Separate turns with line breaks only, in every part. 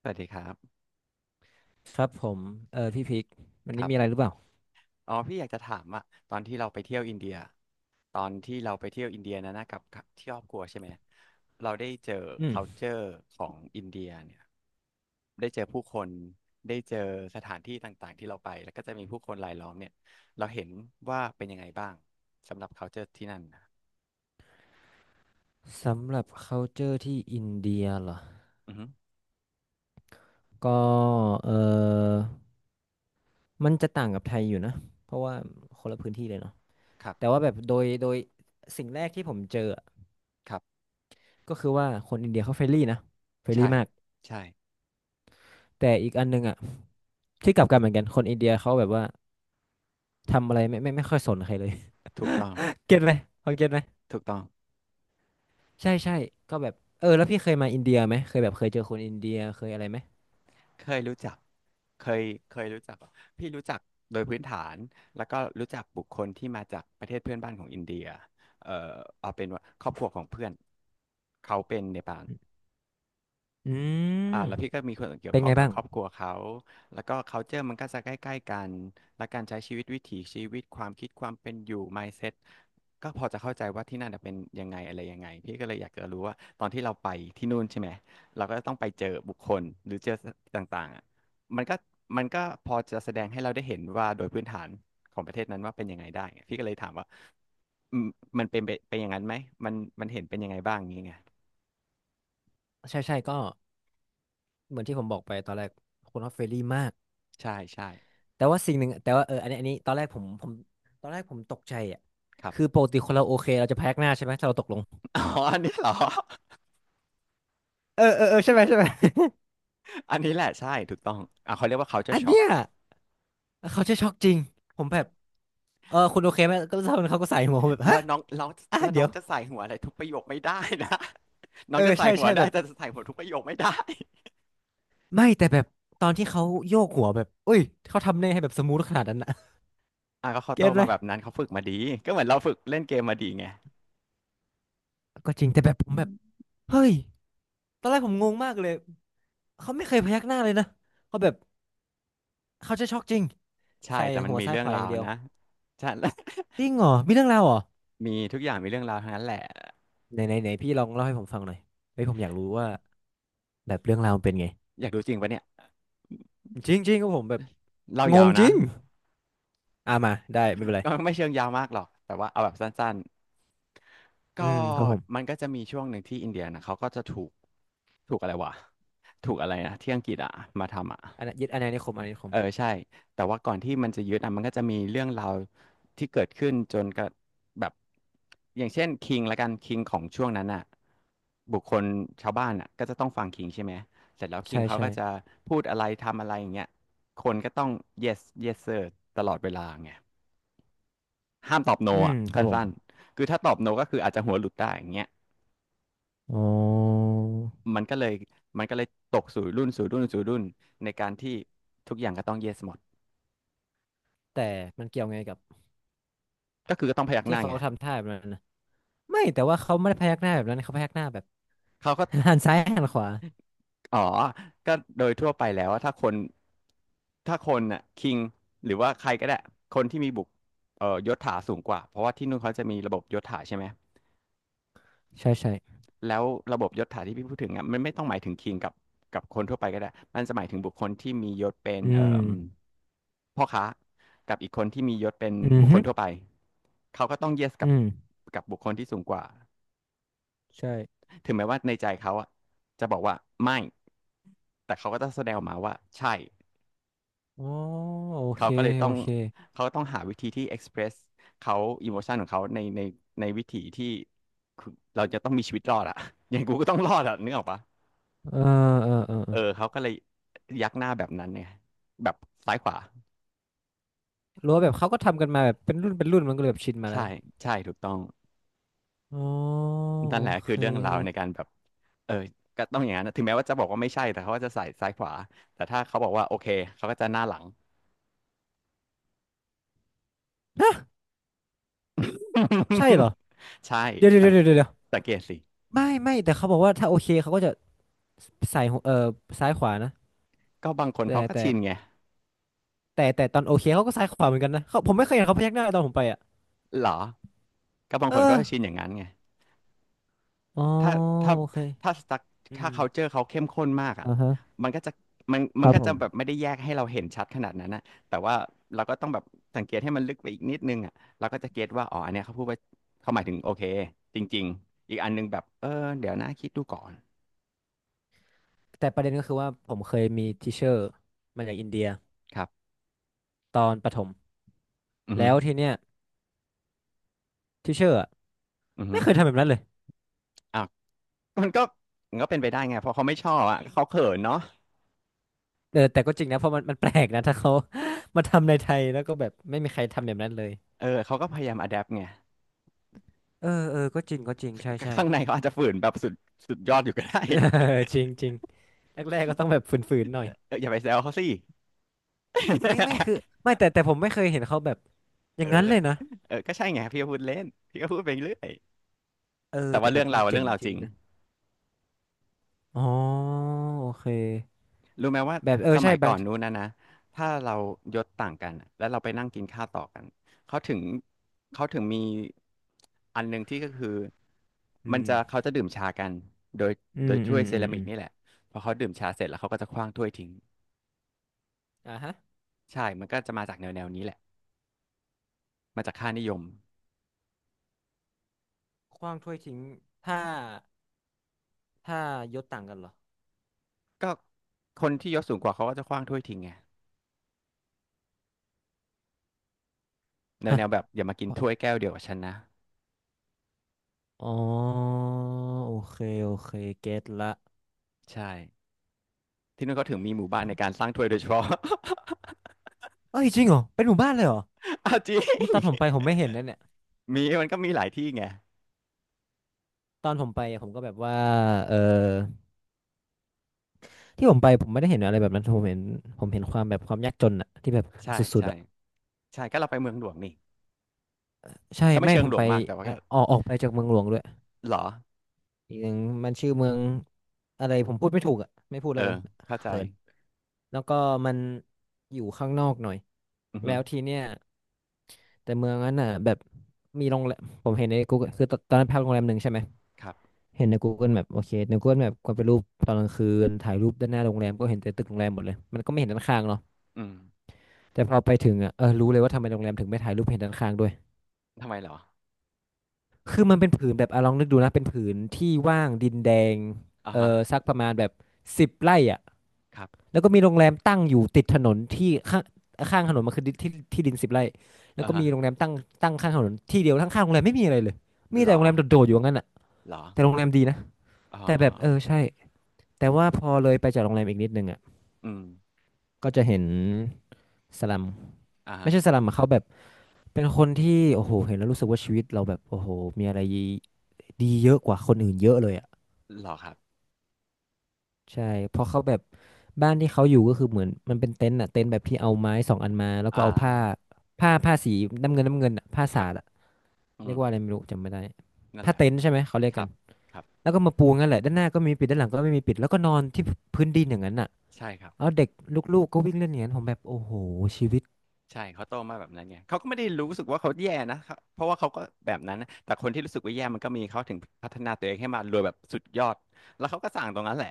สวัสดีครับ
ครับผมพี่พิกวัน
ค
นี้
รั
มีอะไรห
บ
รือเปล่า
อ๋อพี่อยากจะถามอะตอนที่เราไปเที่ยวอินเดียตอนที่เราไปเที่ยวอินเดียนะกับที่ครอบครัวใช่ไหมเราได้เจอ
อืม
culture ของอินเดียเนี่ยได้เจอผู้คนได้เจอสถานที่ต่างๆที่เราไปแล้วก็จะมีผู้คนรายล้อมเนี่ยเราเห็นว่าเป็นยังไงบ้างสำหรับ culture ที่นั่นนะ
สำหรับ culture ที่อินเดียเหรอ
อือฮึ
ก็เออมันจะต่างกับไทยอยู่นะเพราะว่าคนละพื้นที่เลยเนาะ
ครั
แต่
บ
ว่าแบบโดยสิ่งแรกที่ผมเจออะ
ครับ
ก็คือว่าคนอินเดียเขาเฟรนลี่นะเฟรนลี่
ใช่
มาก
ใช่
แต่อีกอันหนึงอ่ะที่กลับกันเหมือนกันคนอินเดียเขาแบบว่าทำอะไรไม่ค่อยสนใครเลย
ถูกต้อง
เก็ตไหมพอเก็ตไหม
ถูกต้อง
ใช่ใช่ก็แบบแล้วพี่เคยมาอินเดียไหมเคยแบบเคยเจอคนอินเดียเคยอะไรไหม
เคยรู้จักเคยเคยรู้จักเหรอพี่รู้จักโดยพื้นฐาน แล้วก็รู้จักบุคคลที่มาจากประเทศเพื่อนบ้านของอินเดียเอ่อเอาเป็นว่าครอบครัวของเพื่อนเขาเป็นเนปาล
อื
อ่า
ม
แล้วพี่ก็มีคนเกี่ยว
เป็น
ข้อ
ไง
งกับ
บ้าง
ครอบครัวเขาแล้วก็ culture มันก็จะใกล้ๆกันและการใช้ชีวิตวิถีชีวิตความคิดความเป็นอยู่ mindset ก็พอจะเข้าใจว่าที่นั่นน่ะเป็นยังไงอะไรยังไงพี่ก็เลยอยากจะรู้ว่าตอนที่เราไปที่นู่นใช่ไหมเราก็ต้องไปเจอบุคคลหรือเจอต่างๆอ่ะมันก็มันก็พอจะแสดงให้เราได้เห็นว่าโดยพื้นฐานของประเทศนั้นว่าเป็นยังไงได้ไงพี่ก็เลยถามว่าอืมมันเป็นไปเป็นอย่างนั้นไหมมันมันเห็นเป็นยังไงบ้างอย่างงี้ไง
ใช่ใช่ก็เหมือนที่ผมบอกไปตอนแรกคนออสเฟรลี่มาก
ใช่ใช่
แต่ว่าสิ่งหนึ่งแต่ว่าอันนี้ตอนแรกผมตอนแรกผมตกใจอ่ะ
ครับ
คือปกติคนเราโอเคเราจะพยักหน้าใช่ไหมถ้าเราตกลง
อ๋ออันนี้เหรอ
เออใช่ไหมใช่ไหม
อันนี้แหละใช่ถูกต้องอ่ะเขาเรียกว่า
อั
culture
น
shock
เนี้ยเขาจะช็อกจริงผมแบบคุณโอเคไหมก็เท่านั้นเขาก็ใส่หัวผมแบบ
แล้
ฮะ
วน้องน้อง
อ่ะ
แล้ว
เดี๋
น้อ
ย
ง
ว
จะใส่หัวอะไรทุกประโยคไม่ได้นะ น้องจะใส่
ใช่
หัว
ใช่แบ
ได้
บ
แต่จะใส่หัวทุกประโยคไม่ได้
ไม่แต่แบบตอนที่เขาโยกหัวแบบอุ้ยเขาทำได้ให้แบบสมูทขนาดนั้นนะ
อ่ะก็ เขาโต
เก็ตไหม
มาแบบนั้นเขาฝึกมาดีก็เหมือนเราฝึกเล่นเกมมาดีไง
ก็จริงแต่แบบผมแบบเฮ้ยตอนแรกผมงงมากเลยเขาไม่เคยพยักหน้าเลยนะเขาแบบ เขาจะช็อกจริง
ใช่
ใส่
แต่มัน
หัว
มี
ซ้าย
เรื่
ข
อง
วาอ
รา
ย่า
ว
งเดียว
นะ ใช่
จริงเหรอมีเรื่องราวเหรอ
มีทุกอย่างมีเรื่องราวทั้งนั้นแหละ
ไหนไหนไหนพี่ลองเล่าให้ผมฟังหน่อยเฮ้ยผมอยากรู้ว่าแบบเรื่องราวมันเป็นไง
อยากดูจริงปะเนี่ย
จริงจริงก็ผมแบบ
เล่า
ง
ยา
ง
ว
จ
นะ
ริงอ่ามาได้ไม่เป็นไร
ก็ไม่เชิงยาวมากหรอกแต่ว่าเอาแบบสั้นๆก็
อืมครับผม
มันก็จะมีช่วงหนึ่งที่อินเดียนะเขาก็จะถูกถูกอะไรวะถูกอะไรนะที่อังกฤษอะมาทำอะ
อันนั้นยึดอาณานิคมอาณานิคม
เออใช่แต่ว่าก่อนที่มันจะยึดอะมันก็จะมีเรื่องราวที่เกิดขึ้นจนกระแบบอย่างเช่นคิงละกันคิงของช่วงนั้นอะบุคคลชาวบ้านอะก็จะต้องฟังคิงใช่ไหมเสร็จแล้วคิง
ใช่
เขา
ใช่
ก็จะพูดอะไรทำอะไรอย่างเงี้ยคนก็ต้อง yes yes sir ตลอดเวลาไง ห้ามตอบโน
อืม
อ่ะ
ค
สั
รับผม
้นๆคือถ้าตอบโนก็คืออาจจะหัวหลุดได้อย่างเงี้ย
อ๋อ
มันก็เลยมันก็เลยตกสู่รุ่นสู่รุ่นสู่รุ่นในการที่ทุกอย่างก็ต้อง yes หมด
แต่มันเกี่ยวไงกับ
ก็คือก็ต้องพยักห
ที่
น้า
เขา
ไง
ทำท่าแบบนั้นนะไม่แต่ว่าเขาไม่ได้พยักหน้าแบบนั้นเขาพยักหน้าแบบ
เขาก็
หันซ้ายหันขวา
อ๋อก็โดยทั่วไปแล้วว่าถ้าคนน่ะคิงหรือว่าใครก็ได้คนที่มีบุกยศถาสูงกว่าเพราะว่าที่นู่นเขาจะมีระบบยศถาใช่ไหม
ใช่ใช่
แล้วระบบยศถาที่พี่พูดถึงอ่ะมันไม่ต้องหมายถึงคิงกับคนทั่วไปก็ได้มันจะหมายถึงบุคคลที่มียศเป็น
อื
เอ่
ม
มพ่อค้ากับอีกคนที่มียศเป็น
อืมอ
บุค
ฮ
คลทั่วไป
อ
เขาก็ต้องเยสกับ
อืม
กับบุคคลที่สูงกว่า
ใช่
ถึงแม้ว่าในใจเขาอ่ะจะบอกว่าไม่แต่เขาก็ต้องแสดงออกมาว่าใช่
อ๋อโอเค
เขาก็เลยต้
โอ
อง
เค
เขาต้องหาวิธีที่ express เขาอิโมชันของเขาในในวิธีที่คือเราจะต้องมีชีวิตรอดอะ อย่างกูก็ต้องรอดอะนึกออกปะ
เออเออเอ
เออ
อ
เขาก็เลยยักหน้าแบบนั้นเนี่ยแบบซ้ายขวา
รู้ว่าแบบเขาก็ทำกันมาแบบเป็นรุ่นเป็นรุ่นมันก็เลยแบบชินมาแล้ว
ใช่ใช่ถูกต้อง
อ๋อ
นั่
โอ
นแหละ
เค
คือเรื่องราวในการแบบเออก็ต้องอย่างนั้นนะถึงแม้ว่าจะบอกว่าไม่ใช่แต่เขาก็จะใส่ซ้ายขวาแต่ถ้าเขาบอกว่าโอเคเขาก็จะหน้าหลัง
ฮะใช่เหรอ
ใช่
เดี๋ยวเดี๋ยว
สังเก
เดี๋ยว
ต
เดี๋ยวเดี๋ยว
สังเกตสิ
ไม่ไม่แต่เขาบอกว่าถ้าโอเคเขาก็จะใส่หัวซ้ายขวานะ
ก็บางคน
แต่
เขาก็
แต่
ชินไง
แต่ตอนโอเคเขาก็ซ้ายขวาเหมือนกันนะเขาผมไม่เคยเห็นเขาพยักหน้าตอนผมไปอ่ะ
เหรอก็บาง
เอ
คนเขา
อ
ก็ชินอย่างนั้นไง
อ๋อ
ถ้าถ้า
โอเค
ถ้าสตั๊ก
อื
ถ้า
ม
culture เขาเข้มข้นมากอ่ะ
อ่าฮะ
มันก็จะมัน
ค
มัน
รับ
ก็
ผ
จะแบบ
ม
ไม่ได้แยกให้เราเห็นชัดขนาดนั้นนะแต่ว่าเราก็ต้องแบบสังเกตให้มันลึกไปอีกนิดนึงอ่ะเราก็จะเก็ตว่าอ๋ออันเนี้ยเขาพูดว่าเขาหมายถึงโอเคจริงๆอีกอันนึงแบบเออเดี๋ยวนะคิดดูก่อน
แต่ประเด็นก็คือว่าผมเคยมีทิเชอร์มาจากอินเดีย
ครับ
ตอนประถม
อือฮึ
แล้วทีเนี้ยทิเชอร์
อือฮึ
ไม่เคยทำแบบนั้นเลย
อ่ะมันก็มันก็เป็นไปได้ไงเพราะเขาไม่ชอบอ่ะเขาเขินเนาะ
เออแต่ก็จริงนะเพราะมันแปลกนะถ้าเขา มาทำในไทยแล้วก็แบบไม่มีใครทำแบบนั้นเลย
เออเขาก็พยายามอะแดปไง
เออก็จริงก็จริงใช่ใช่
ข้างในเขาอาจจะฝืนแบบสุดสุดยอดอยู่ก็ได้
เออจริงจริงแรกๆก็ต้องแบบฝืนๆหน่อย
เอออย่าไปแซวเขาสิ
ไม่ไม่คือไม่แต่แต่ผมไม่เคยเห็นเขาแบบอ
เอ
ย่า
อ
งนั้นเลยนะ
เออก็ใช่ไงพี่ก็พูดเล่นพี่ก็พูดไปเรื่อย
เออ
แต่
แต่
ว่า
แบ
เรื่อ
บ
ง
มั
เรา
น
อะ
เจ๋
เรื่อ
ง
งเรา
จ
จ
ริ
ริ
ง
ง
นะอ๋อโอเค
รู้ไหมว่า
แบบ
ส
ใช่
มัย
บา
ก่อ
ง
น
ที
นู้นนะถ้าเรายศต่างกันอะแล้วเราไปนั่งกินข้าวต่อกันเขาถึงเขาถึงมีอันหนึ่งที่ก็คือมั
อื
นจะ
ม
เขาจะดื่มชากันโดย
อื
โด
ม
ย
อื
ถ้ว
ม
ยเซ
อืม
รา
อื
มิก
ม
นี่แหละพอเขาดื่มชาเสร็จแล้วเขาก็จะขว้างถ้วยทิ้ง
อ่าฮะ
ใช่มันก็จะมาจากแนวแนวนี้แหละมาจากค่านิยม
ขว้างถ้วยทิ้งถ้าถ้ายศต่างกันเหรอ
ก็คนที่ยศสูงกว่าเขาก็จะขว้างถ้วยทิ้งไงแนว
ฮะ
แนวแบบอย่ามากินถ้วยแก้วเดียวกับฉันนะ
อ๋อโอเคโอเคเก็ตละ
ใช่ ที่นู่นเขาถึงมีหมู่บ้านในการสร้างถ้วยโดยเฉพาะ
เอ้ยจริงเหรอเป็นหมู่บ้านเลยเหรอ
เอาจริง
นี่ตอน ผมไปผมไม่เห็นนะเนี่ย
มีมันก็มีหลายที่ไง
ตอนผมไปอะผมก็แบบว่าเออที่ผมไปผมไม่ได้เห็นอะไรแบบนั้นผมเห็นผมเห็นความแบบความยากจนอะที่แบบ
ใช่
สุด
ใช่
ๆอะ
ใช่ก็เราไปเมืองหลวงนี่
ใช่
ก็ไม่
ไม่
เชิ
ผ
งห
ม
ลว
ไป
งมากแต่ว่า
อะ
ก็
ออกออกไปจากเมืองหลวงด้วย
หรอ
อีกอย่างมันชื่อเมืองอะไรผมพูดไม่ถูกอะไม่พูด
เออ
แล้วกัน
เข้าใจ
เขินแล้วก็มันอยู่ข้างนอกหน่อย
อือ
แล้
ฮึ
วทีเนี้ยแต่เมืองนั้นอ่ะแบบมีโรงแรมผมเห็นในกูคือตอนนั้นพักโรงแรมหนึ่งใช่ไหม
ครับ
เห็นใน Google Map โอเคใน Google Map ก็เป็นรูปตอนกลางคืนถ่ายรูปด้านหน้าโรงแรมก็เห็นแต่ตึกโรงแรมหมดเลยมันก็ไม่เห็นด้านข้างเนาะ
อืม
แต่พอไปถึงอ่ะเออรู้เลยว่าทำไมโรงแรมถึงไม่ถ่ายรูปเห็นด้านข้างด้วย
ทำไมหรอ
คือมันเป็นผืนแบบอะลองนึกดูนะเป็นผืนที่ว่างดินแดง
อ่า
เอ
ฮะ
อสักประมาณแบบสิบไร่อ่ะ
ครับ
แล้วก็มีโรงแรมตั้งอยู่ติดถนนที่ข้างข้างถนนมันคือดินที่ที่ดินสิบไร่แล้ว
อ่า
ก็
ฮะ
มีโรงแรมตั้งตั้งข้างถนนที่เดียวทั้งข้างโรงแรมไม่มีอะไรเลยมี
หร
แต่โร
อ
งแรมโดดๆอยู่งั้นอ่ะ
หรอ
แต่โรงแรมดีนะ
อ๋อ
แต่แบบใช่แต่ว่าพอเลยไปจากโรงแรมอีกนิดนึงอ่ะ
อืม
ก็จะเห็นสลัม
อ่า
ไม่
ฮะ
ใช่สลัมอะเขาแบบเป็นคนที่โอ้โหเห็นแล้วรู้สึกว่าชีวิตเราแบบโอ้โหมีอะไรดีเยอะกว่าคนอื่นเยอะเลยอ่ะ
หรอครับ
ใช่เพราะเขาแบบบ้านที่เขาอยู่ก็คือเหมือนมันเป็นเต็นท์อ่ะเต็นท์แบบที่เอาไม้สองอันมาแล้วก็
อ่
เอาผ้า
า
ผ้าสีน้ำเงินอะผ้า
ค
สา
รับ
ดอะ
อื
เรียก
ม
ว่าอะไรไม่รู้จำไม่ได้
นั่น
ผ้า
แหละ
เต็นท์ใช่ไหมเขาเรียก
ค
กั
รั
น
บ ครับ
แล้วก็มาปูงั้นแหละด้านหน้าก็ไมมีปิดด้านหลังก็ไม่มีปิดแล้วก็นอนที่พื้นดินอย่างนั้นอ่ะ
ใช่ครับ
เอาเด็กลูกๆก็วิ่งเล่นอย่างนั้นผมแบบโอ้โหชีวิต
ใช่เขาโตมาแบบนั้นไงเขาก็ไม่ได้รู้สึกว่าเขาแย่นะเขาเพราะว่าเขาก็แบบนั้นนะแต่คนที่รู้สึกว่าแย่มันก็มีเขาถึงพัฒนาตัวเองให้มารวยแบบสุดยอดแล้วเขาก็สั่งตรงนั้นแหละ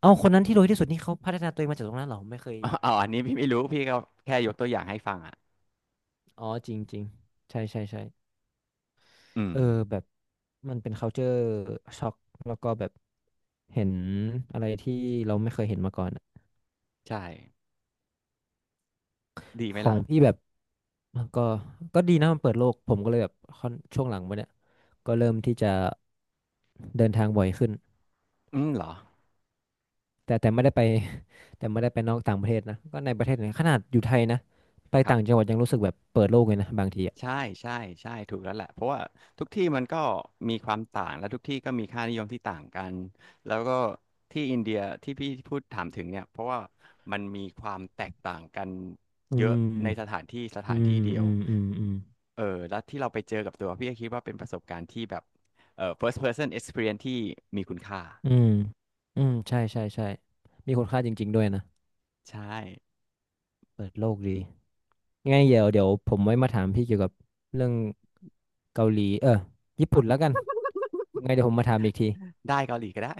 เอาคนนั้นที่รวยที่สุดนี่เขาพัฒนาตัวเองมาจากตรงนั้นเหรอผมไม่เคย
อาออออันนี้พี่ไม่รู้พี่ก็แค่ยกตัวอย่างให้ฟังอ่ะ
อ๋อจริงจริงใช่ใช่ใช่
อืม
เออแบบมันเป็น culture shock แล้วก็แบบเห็นอะไรที่เราไม่เคยเห็นมาก่อนอะ
ใช่ดีไหม
ขอ
ล่ะ
งพี่แบบมันก็ก็ดีนะมันเปิดโลกผมก็เลยแบบค่อนช่วงหลังมาเนี่ยก็เริ่มที่จะเดินทางบ่อยขึ้น
อืมเหรอ
แต่ไม่ได้ไป แต่ไม่ได้ไปนอกต่างประเทศนะก็ในประเทศเนี่ยขนาดอยู่ไทยนะไป
ครั
ต่าง
บ
จังหวัดยังรู้สึกแบบเปิดโลกเลยนะบางทีอ่ะ
ใช่ใช่ใช่ถูกแล้วแหละเพราะว่าทุกที่มันก็มีความต่างและทุกที่ก็มีค่านิยมที่ต่างกันแล้วก็ที่อินเดียที่พี่พูดถามถึงเนี่ยเพราะว่ามันมีความแตกต่างกัน
อื
เยอะในส
ม
ถานที่ส
อื
ถานที่
ม
เดีย
อื
ว
มอืมอืม
เออแล้วที่เราไปเจอกับตัวพี่ก็คิดว่าเป็นประสบการณ์ที่แบบเออ first person experience ที่มีคุณค่า
อืมอืมใช่ใช่ใช่มีคุณค่าจริงๆด้วยนะ
ใช่
เปิดโลกดี ยังไงเดี๋ยวเดี๋ยวผมไว้มาถามพี่เกี่ยวกับเรื่องเกาหลีญี่ปุ่นแล้วกันยังไงเดี๋ยวผมมาถามอีกที
ได้เกาหลีก็ได้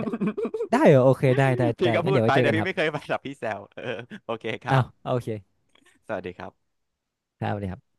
ได้ได้เหรอโอเคได้ได้
พี่
ได้
ก็
งั้น
พูด
เดี๋ยว
ไป
ไว้เจอ
เดี๋ยว
กัน
พี่
ครับ
ไม่เคยไป หรอกพี่แซวเออโอเคครั
อ้า
บ
วโอเค
สวัสดีครับ
ครับสวัสดีครับ